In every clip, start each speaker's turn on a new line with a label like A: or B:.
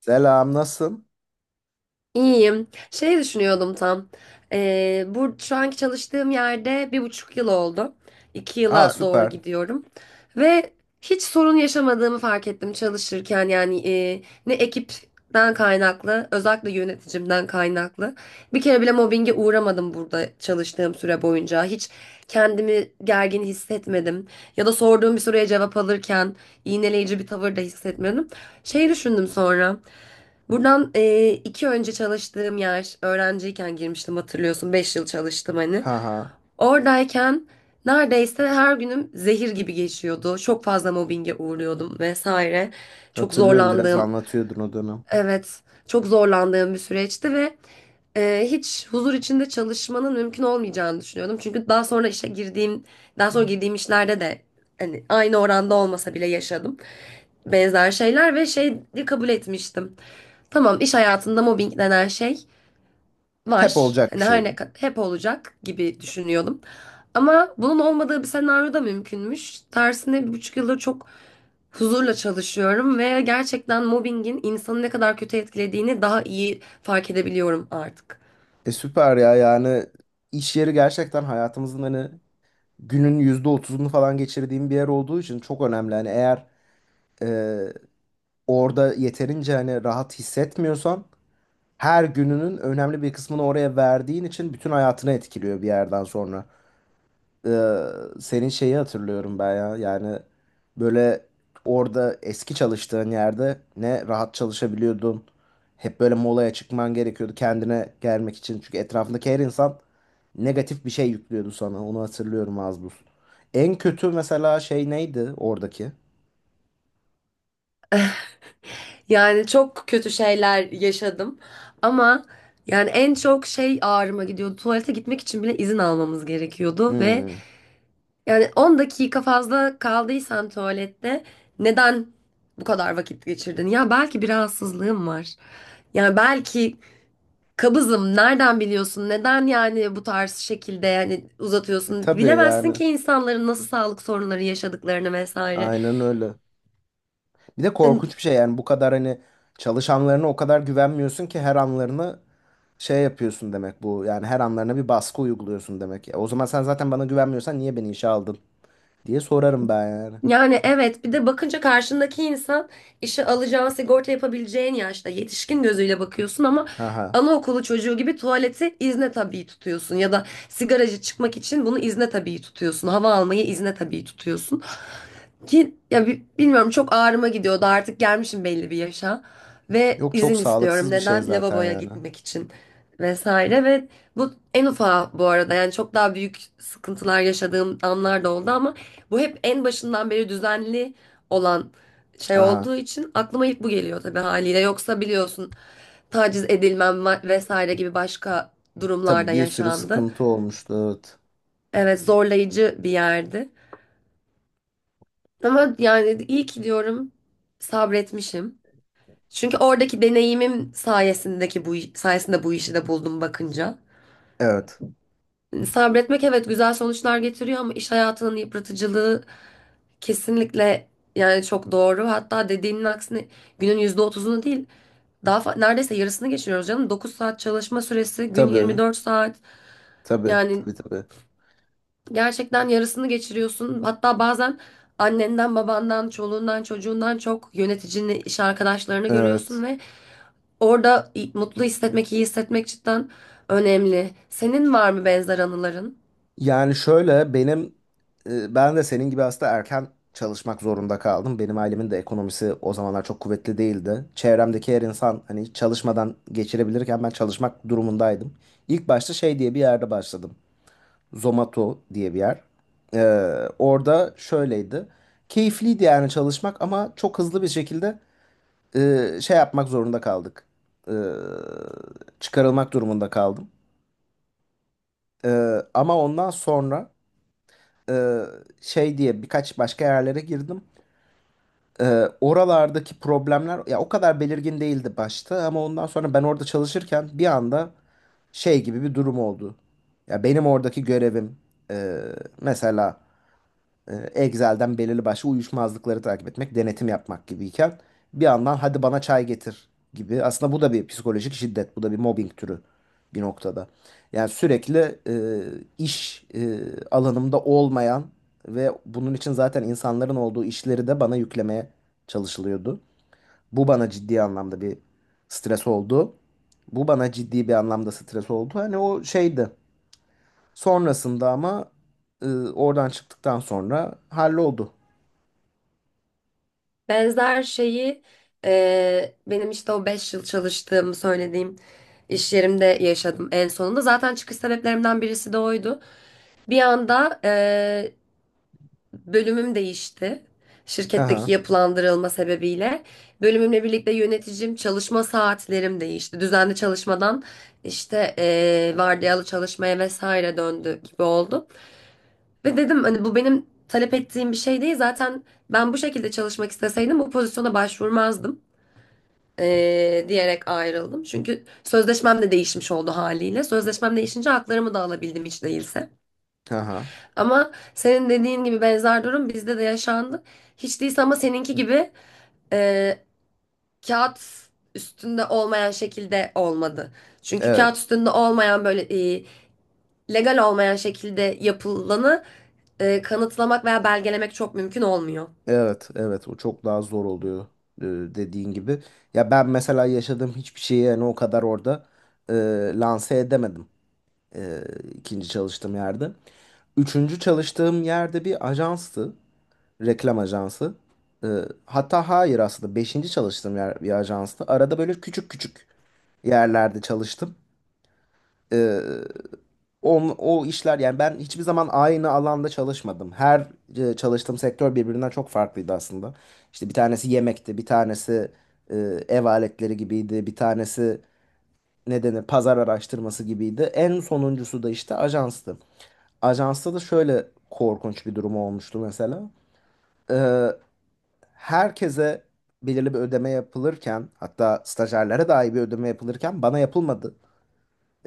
A: Selam, nasılsın?
B: İyiyim. Şey düşünüyordum tam. Bu şu anki çalıştığım yerde 1,5 yıl oldu. İki
A: Aa
B: yıla doğru
A: süper.
B: gidiyorum. Ve hiç sorun yaşamadığımı fark ettim çalışırken. Yani ne ekipten kaynaklı, özellikle yöneticimden kaynaklı. Bir kere bile mobbinge uğramadım burada çalıştığım süre boyunca. Hiç kendimi gergin hissetmedim. Ya da sorduğum bir soruya cevap alırken iğneleyici bir tavır da hissetmedim. Şey düşündüm sonra. Buradan iki önce çalıştığım yer, öğrenciyken girmiştim, hatırlıyorsun. 5 yıl çalıştım hani.
A: Ha ha.
B: Oradayken neredeyse her günüm zehir gibi geçiyordu. Çok fazla mobbinge uğruyordum vesaire. Çok
A: Hatırlıyorum biraz
B: zorlandığım,
A: anlatıyordun o dönem.
B: evet, çok zorlandığım bir süreçti ve hiç huzur içinde çalışmanın mümkün olmayacağını düşünüyordum. Çünkü daha sonra işe girdiğim, daha sonra girdiğim işlerde de hani aynı oranda olmasa bile yaşadım benzer şeyler ve şeyi kabul etmiştim. Tamam, iş hayatında mobbing denen şey
A: Hep
B: var.
A: olacak bir
B: Hani
A: şey
B: her ne
A: gibi.
B: kadar hep olacak gibi düşünüyordum. Ama bunun olmadığı bir senaryo da mümkünmüş. Tersine 1,5 yıldır çok huzurla çalışıyorum ve gerçekten mobbingin insanı ne kadar kötü etkilediğini daha iyi fark edebiliyorum artık.
A: E süper ya yani iş yeri gerçekten hayatımızın hani günün %30'unu falan geçirdiğim bir yer olduğu için çok önemli. Hani eğer e, orada yeterince hani rahat hissetmiyorsan her gününün önemli bir kısmını oraya verdiğin için bütün hayatını etkiliyor bir yerden sonra. Ee, Senin şeyi hatırlıyorum ben ya. Yani böyle orada eski çalıştığın yerde ne rahat çalışabiliyordun. Hep böyle molaya çıkman gerekiyordu kendine gelmek için. Çünkü etrafındaki her insan negatif bir şey yüklüyordu sana. Onu hatırlıyorum az buz. En kötü mesela şey neydi oradaki?
B: Yani çok kötü şeyler yaşadım, ama yani en çok şey ağrıma gidiyordu. Tuvalete gitmek için bile izin almamız gerekiyordu ve
A: Hmm.
B: yani 10 dakika fazla kaldıysan tuvalette neden bu kadar vakit geçirdin? Ya belki bir rahatsızlığım var. Yani belki kabızım. Nereden biliyorsun? Neden yani bu tarz şekilde yani uzatıyorsun?
A: Tabii
B: Bilemezsin
A: yani.
B: ki insanların nasıl sağlık sorunları yaşadıklarını vesaire.
A: Aynen öyle. Bir de
B: Yani
A: korkunç bir şey yani bu kadar hani çalışanlarına o kadar güvenmiyorsun ki her anlarını şey yapıyorsun demek bu. Yani her anlarına bir baskı uyguluyorsun demek. Ya, o zaman sen zaten bana güvenmiyorsan niye beni işe aldın diye sorarım ben yani.
B: Yani evet, bir de bakınca karşındaki insan işe alacağın, sigorta yapabileceğin yaşta yetişkin gözüyle bakıyorsun ama
A: Haha.
B: anaokulu çocuğu gibi tuvaleti izne tabii tutuyorsun ya da sigaracı çıkmak için bunu izne tabii tutuyorsun, hava almayı izne tabii tutuyorsun. Ki ya bilmiyorum, çok ağrıma gidiyordu, artık gelmişim belli bir yaşa ve
A: Yok, çok
B: izin istiyorum
A: sağlıksız bir şey
B: neden
A: zaten
B: lavaboya
A: yani.
B: gitmek için vesaire. Ve bu en ufağı bu arada, yani çok daha büyük sıkıntılar yaşadığım anlar da oldu ama bu hep en başından beri düzenli olan şey
A: Haha.
B: olduğu için aklıma ilk bu geliyor, tabii haliyle, yoksa biliyorsun taciz edilmem vesaire gibi başka
A: Tabii,
B: durumlarda
A: bir sürü
B: yaşandı.
A: sıkıntı olmuştu. Evet.
B: Evet, zorlayıcı bir yerdi. Ama yani iyi ki diyorum, sabretmişim. Çünkü oradaki deneyimim bu sayesinde bu işi de buldum bakınca.
A: Evet.
B: Hani sabretmek, evet, güzel sonuçlar getiriyor ama iş hayatının yıpratıcılığı kesinlikle yani çok doğru. Hatta dediğinin aksine günün %30'unu değil, daha neredeyse yarısını geçiriyoruz canım. 9 saat çalışma süresi, gün yirmi
A: Tabii.
B: dört saat.
A: Tabii.
B: Yani
A: Tabii, tabii.
B: gerçekten yarısını geçiriyorsun. Hatta bazen annenden, babandan, çoluğundan, çocuğundan çok yöneticini, iş arkadaşlarını görüyorsun
A: Evet.
B: ve orada mutlu hissetmek, iyi hissetmek cidden önemli. Senin var mı benzer anıların?
A: Yani şöyle benim ben de senin gibi aslında erken çalışmak zorunda kaldım. Benim ailemin de ekonomisi o zamanlar çok kuvvetli değildi. Çevremdeki her insan hani hiç çalışmadan geçirebilirken ben çalışmak durumundaydım. İlk başta şey diye bir yerde başladım. Zomato diye bir yer. Orada şöyleydi. Keyifliydi yani çalışmak ama çok hızlı bir şekilde şey yapmak zorunda kaldık. Ee, Çıkarılmak durumunda kaldım. Ama ondan sonra e, şey diye birkaç başka yerlere girdim. E, Oralardaki problemler ya o kadar belirgin değildi başta ama ondan sonra ben orada çalışırken bir anda şey gibi bir durum oldu. Ya benim oradaki görevim e, mesela Excel'den belirli başlı uyuşmazlıkları takip etmek, denetim yapmak gibiyken bir yandan hadi bana çay getir gibi. Aslında bu da bir psikolojik şiddet, bu da bir mobbing türü bir noktada. Yani sürekli iş alanımda olmayan ve bunun için zaten insanların olduğu işleri de bana yüklemeye çalışılıyordu. Bu bana ciddi anlamda bir stres oldu. Bu bana ciddi bir anlamda stres oldu. Hani o şeydi. Sonrasında ama e, oradan çıktıktan sonra halloldu.
B: Benzer şeyi benim işte o 5 yıl çalıştığımı söylediğim iş yerimde yaşadım en sonunda. Zaten çıkış sebeplerimden birisi de oydu. Bir anda bölümüm değişti. Şirketteki
A: Haha,
B: yapılandırılma sebebiyle. Bölümümle birlikte yöneticim, çalışma saatlerim değişti. Düzenli çalışmadan işte vardiyalı çalışmaya vesaire döndü gibi oldu. Ve dedim hani bu benim talep ettiğim bir şey değil. Zaten ben bu şekilde çalışmak isteseydim bu pozisyona başvurmazdım, diyerek ayrıldım. Çünkü sözleşmem de değişmiş oldu haliyle. Sözleşmem değişince haklarımı da alabildim hiç değilse.
A: haha.
B: Ama senin dediğin gibi benzer durum bizde de yaşandı. Hiç değilse ama seninki gibi e, kağıt üstünde olmayan şekilde olmadı. Çünkü
A: Evet,
B: kağıt üstünde olmayan böyle e, legal olmayan şekilde yapılanı kanıtlamak veya belgelemek çok mümkün olmuyor.
A: evet, evet. O çok daha zor oluyor e, dediğin gibi. Ya ben mesela yaşadığım hiçbir şeyi yani o kadar orada e, lanse edemedim e, ikinci çalıştığım yerde. Üçüncü çalıştığım yerde bir ajanstı, reklam ajansı. E, Hatta hayır aslında beşinci çalıştığım yer bir ajanstı. Arada böyle küçük küçük yerlerde çalıştım. E, o işler yani ben hiçbir zaman aynı alanda çalışmadım. Her çalıştığım sektör birbirinden çok farklıydı aslında. İşte bir tanesi yemekti, bir tanesi e, ev aletleri gibiydi, bir tanesi ne denir pazar araştırması gibiydi. En sonuncusu da işte ajanstı. Ajansta da şöyle korkunç bir durum olmuştu mesela. E, Herkese belirli bir ödeme yapılırken hatta stajyerlere dahi bir ödeme yapılırken bana yapılmadı.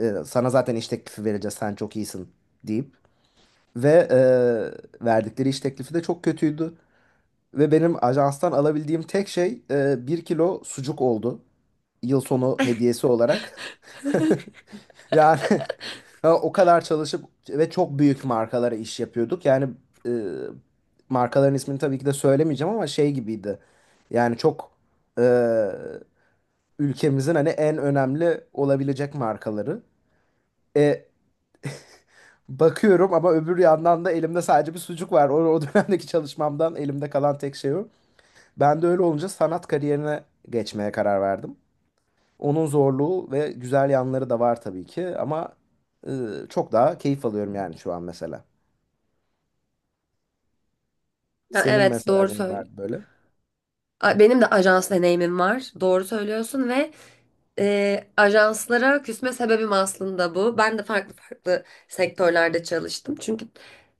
A: Sana zaten iş teklifi vereceğiz sen çok iyisin deyip. Ve verdikleri iş teklifi de çok kötüydü. Ve benim ajanstan alabildiğim tek şey bir kilo sucuk oldu. Yıl sonu hediyesi olarak. Yani ha, o kadar çalışıp ve çok büyük markalara iş yapıyorduk. Yani e, markaların ismini tabii ki de söylemeyeceğim ama şey gibiydi. Yani çok e, ülkemizin hani en önemli olabilecek markaları. E, Bakıyorum ama öbür yandan da elimde sadece bir sucuk var. O dönemdeki çalışmamdan elimde kalan tek şey o. Ben de öyle olunca sanat kariyerine geçmeye karar verdim. Onun zorluğu ve güzel yanları da var tabii ki ama e, çok daha keyif alıyorum yani şu an mesela.
B: Ya
A: Senin
B: evet,
A: mesela
B: doğru
A: neyin
B: söyle.
A: vardı böyle?
B: Benim de ajans deneyimim var. Doğru söylüyorsun ve ajanslara küsme sebebim aslında bu. Ben de farklı farklı sektörlerde çalıştım. Çünkü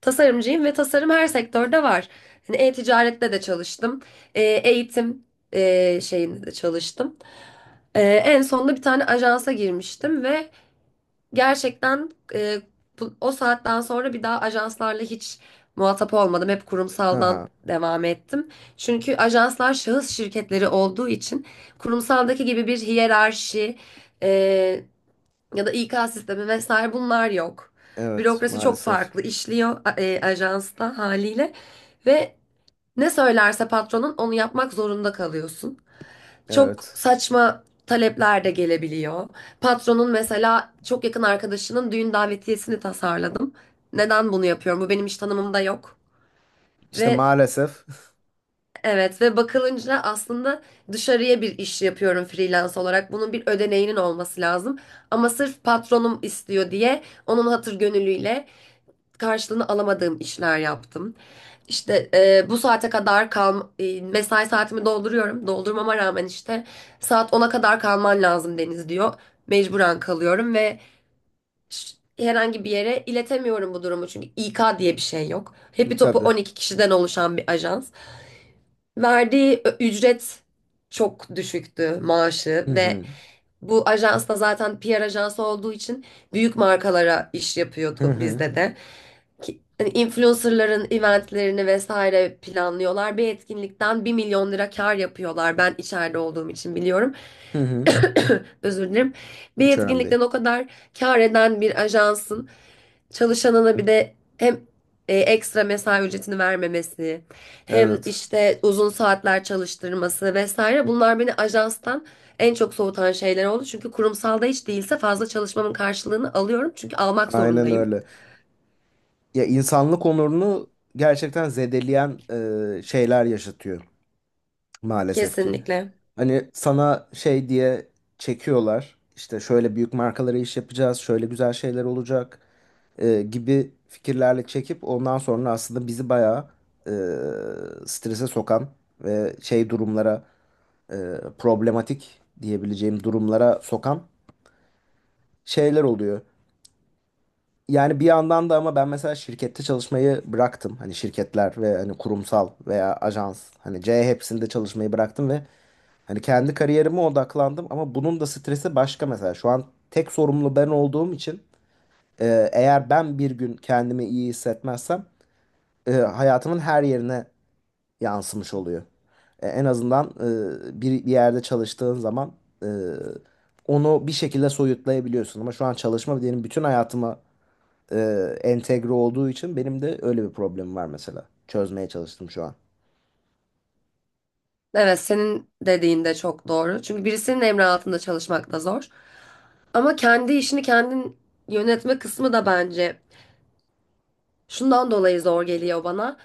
B: tasarımcıyım ve tasarım her sektörde var. Hani e-ticarette de çalıştım. Eğitim şeyinde de çalıştım. En sonunda bir tane ajansa girmiştim ve gerçekten o saatten sonra bir daha ajanslarla hiç muhatap olmadım. Hep kurumsaldan
A: Aha,
B: devam ettim. Çünkü ajanslar şahıs şirketleri olduğu için kurumsaldaki gibi bir hiyerarşi e, ya da İK sistemi vesaire bunlar yok.
A: evet
B: Bürokrasi çok
A: maalesef.
B: farklı işliyor ajansta haliyle ve ne söylerse patronun onu yapmak zorunda kalıyorsun. Çok
A: Evet.
B: saçma talepler de gelebiliyor. Patronun mesela çok yakın arkadaşının düğün davetiyesini tasarladım. Neden bunu yapıyorum? Bu benim iş tanımımda yok.
A: İşte
B: Ve
A: maalesef.
B: evet, ve bakılınca aslında dışarıya bir iş yapıyorum freelance olarak. Bunun bir ödeneğinin olması lazım. Ama sırf patronum istiyor diye onun hatır gönüllüyle karşılığını alamadığım işler yaptım. İşte bu saate kadar kal, mesai saatimi dolduruyorum. Doldurmama rağmen işte saat ona kadar kalman lazım Deniz diyor. Mecburen kalıyorum ve herhangi bir yere iletemiyorum bu durumu, çünkü İK diye bir şey yok. Hepi topu
A: Tabii.
B: 12 kişiden oluşan bir ajans. Verdiği ücret çok düşüktü, maaşı,
A: Hı
B: ve
A: hı.
B: bu ajans da zaten PR ajansı olduğu için büyük markalara iş
A: Hı
B: yapıyordu
A: hı.
B: bizde de. Hani influencerların eventlerini vesaire planlıyorlar. Bir etkinlikten 1 milyon lira kar yapıyorlar. Ben içeride olduğum için biliyorum.
A: Hı hı.
B: Özür dilerim. Bir
A: Hiç önemli değil.
B: etkinlikten o kadar kar eden bir ajansın çalışanına bir de hem ekstra mesai ücretini vermemesi, hem
A: Evet.
B: işte uzun saatler çalıştırması vesaire, bunlar beni ajanstan en çok soğutan şeyler oldu. Çünkü kurumsalda hiç değilse fazla çalışmamın karşılığını alıyorum. Çünkü almak
A: Aynen
B: zorundayım.
A: öyle. Ya insanlık onurunu gerçekten zedeleyen şeyler yaşatıyor maalesef ki.
B: Kesinlikle.
A: Hani sana şey diye çekiyorlar. İşte şöyle büyük markalara iş yapacağız, şöyle güzel şeyler olacak gibi fikirlerle çekip ondan sonra aslında bizi bayağı e, strese sokan ve şey durumlara e, problematik diyebileceğim durumlara sokan şeyler oluyor. Yani bir yandan da ama ben mesela şirkette çalışmayı bıraktım. Hani şirketler ve hani kurumsal veya ajans hani C hepsinde çalışmayı bıraktım ve hani kendi kariyerime odaklandım ama bunun da stresi başka mesela. Şu an tek sorumlu ben olduğum için eğer ben bir gün kendimi iyi hissetmezsem hayatımın her yerine yansımış oluyor. En azından bir yerde çalıştığın zaman e, onu bir şekilde soyutlayabiliyorsun. Ama şu an çalışma benim bütün hayatıma e, entegre olduğu için benim de öyle bir problemim var mesela. Çözmeye çalıştım şu an.
B: Evet, senin dediğin de çok doğru. Çünkü birisinin emri altında çalışmak da zor. Ama kendi işini kendin yönetme kısmı da bence şundan dolayı zor geliyor bana.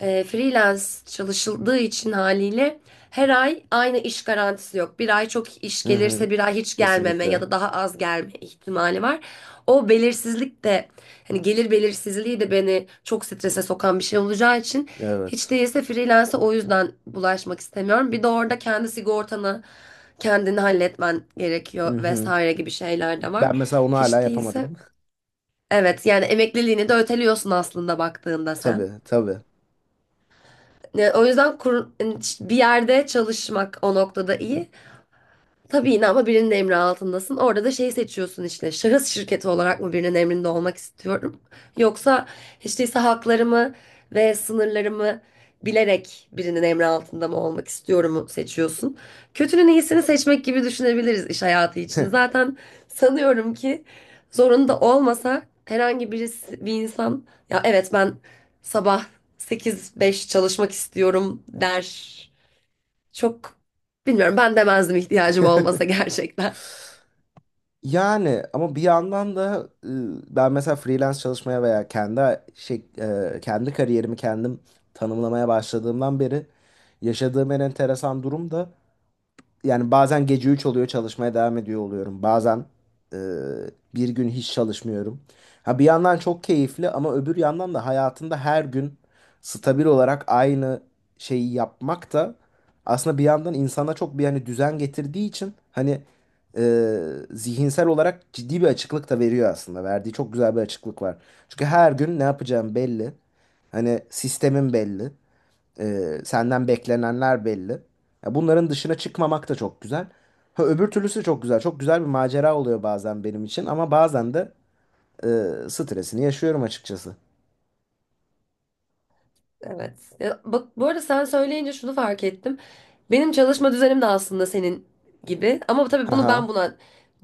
B: Freelance çalışıldığı için haliyle her ay aynı iş garantisi yok. Bir ay çok iş
A: Hı hı.
B: gelirse bir ay hiç gelmeme ya
A: Kesinlikle.
B: da daha az gelme ihtimali var. O belirsizlik de, hani gelir belirsizliği de beni çok strese sokan bir şey olacağı için hiç
A: Evet.
B: değilse freelance'e o yüzden bulaşmak istemiyorum. Bir de orada kendi sigortanı kendini halletmen
A: Hı
B: gerekiyor
A: hı.
B: vesaire gibi şeyler de var.
A: Ben mesela onu hala
B: Hiç değilse
A: yapamadım.
B: evet, yani emekliliğini de öteliyorsun aslında baktığında sen.
A: Tabii, tabii.
B: O yüzden hani, bir yerde çalışmak o noktada iyi. Tabii yine ama birinin emri altındasın. Orada da şey seçiyorsun, işte şahıs şirketi olarak mı birinin emrinde olmak istiyorum? Yoksa hiç değilse haklarımı ve sınırlarımı bilerek birinin emri altında mı olmak istiyorumu seçiyorsun. Kötünün iyisini seçmek gibi düşünebiliriz iş hayatı için. Zaten sanıyorum ki zorunda olmasa herhangi birisi, bir insan, ya evet ben sabah 8-5 çalışmak istiyorum, der. Çok bilmiyorum, ben demezdim ihtiyacım olmasa gerçekten.
A: Yani ama bir yandan da ben mesela freelance çalışmaya veya kendi şey, kendi kariyerimi kendim tanımlamaya başladığımdan beri yaşadığım en enteresan durum da yani bazen gece 3 oluyor çalışmaya devam ediyor oluyorum. Bazen e, bir gün hiç çalışmıyorum. Ha bir yandan çok keyifli ama öbür yandan da hayatında her gün stabil olarak aynı şeyi yapmak da aslında bir yandan insana çok bir hani düzen getirdiği için hani e, zihinsel olarak ciddi bir açıklık da veriyor aslında. Verdiği çok güzel bir açıklık var. Çünkü her gün ne yapacağım belli. Hani sistemin belli. Senden beklenenler belli. Ya bunların dışına çıkmamak da çok güzel. Ha, öbür türlüsü de çok güzel. Çok güzel bir macera oluyor bazen benim için ama bazen de e, stresini yaşıyorum açıkçası.
B: Evet. Ya bak, bu arada sen söyleyince şunu fark ettim. Benim çalışma düzenim de aslında senin gibi ama tabii bunu
A: Haha.
B: ben buna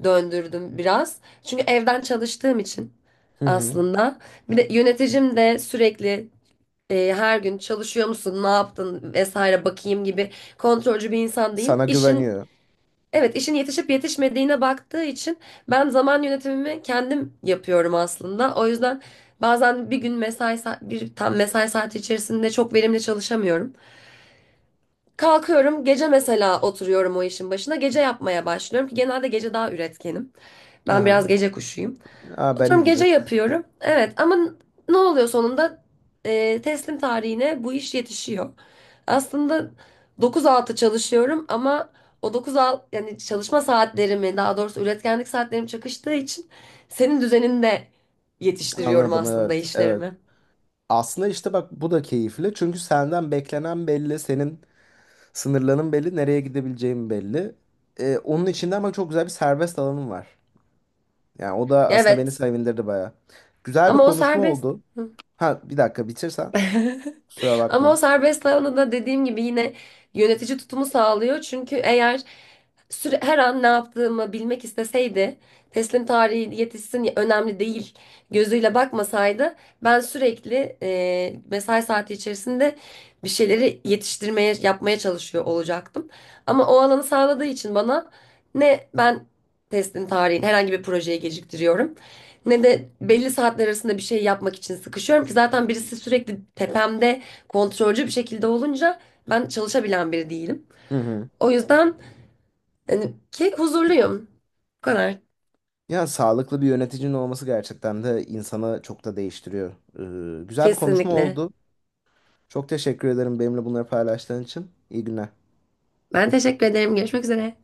B: döndürdüm biraz. Çünkü evden çalıştığım için
A: Hı hı.
B: aslında. Bir de yöneticim de sürekli her gün çalışıyor musun, ne yaptın vesaire bakayım gibi kontrolcü bir insan değil.
A: Sana güveniyor.
B: Evet, işin yetişip yetişmediğine baktığı için ben zaman yönetimimi kendim yapıyorum aslında. O yüzden bazen bir gün mesai bir tam mesai saati içerisinde çok verimli çalışamıyorum. Kalkıyorum, gece mesela oturuyorum o işin başına. Gece yapmaya başlıyorum ki genelde gece daha üretkenim. Ben biraz
A: Haha.
B: gece kuşuyum.
A: Aa, benim
B: Oturum gece
A: gibi.
B: yapıyorum. Evet ama ne oluyor sonunda? Teslim tarihine bu iş yetişiyor. Aslında 9 altı çalışıyorum ama o 9-6, yani çalışma saatlerimi, daha doğrusu üretkenlik saatlerim çakıştığı için senin düzeninde yetiştiriyorum
A: Anladım,
B: aslında
A: evet. Evet.
B: işlerimi.
A: Aslında işte bak bu da keyifli. Çünkü senden beklenen belli, senin sınırların belli, nereye gidebileceğin belli. Onun içinde ama çok güzel bir serbest alanım var. Yani o da aslında beni
B: Evet
A: sevindirdi baya. Güzel bir
B: ama o
A: konuşma
B: serbest.
A: oldu.
B: Hı.
A: Ha bir dakika bitirsen kusura
B: Ama o
A: bakma.
B: serbest alanda da dediğim gibi yine yönetici tutumu sağlıyor. Çünkü eğer süre, her an ne yaptığımı bilmek isteseydi, teslim tarihi yetişsin önemli değil gözüyle bakmasaydı, ben sürekli mesai saati içerisinde bir şeyleri yetiştirmeye, yapmaya çalışıyor olacaktım. Ama o alanı sağladığı için bana, ne ben teslim tarihini herhangi bir projeyi geciktiriyorum, ne de belli saatler arasında bir şey yapmak için sıkışıyorum, ki zaten birisi sürekli tepemde kontrolcü bir şekilde olunca ben çalışabilen biri değilim.
A: Hı hı.
B: O yüzden hani, ki huzurluyum. Bu kadar.
A: Ya sağlıklı bir yöneticinin olması gerçekten de insanı çok da değiştiriyor. Güzel bir konuşma
B: Kesinlikle.
A: oldu. Çok teşekkür ederim benimle bunları paylaştığın için. İyi günler.
B: Ben teşekkür ederim. Görüşmek üzere.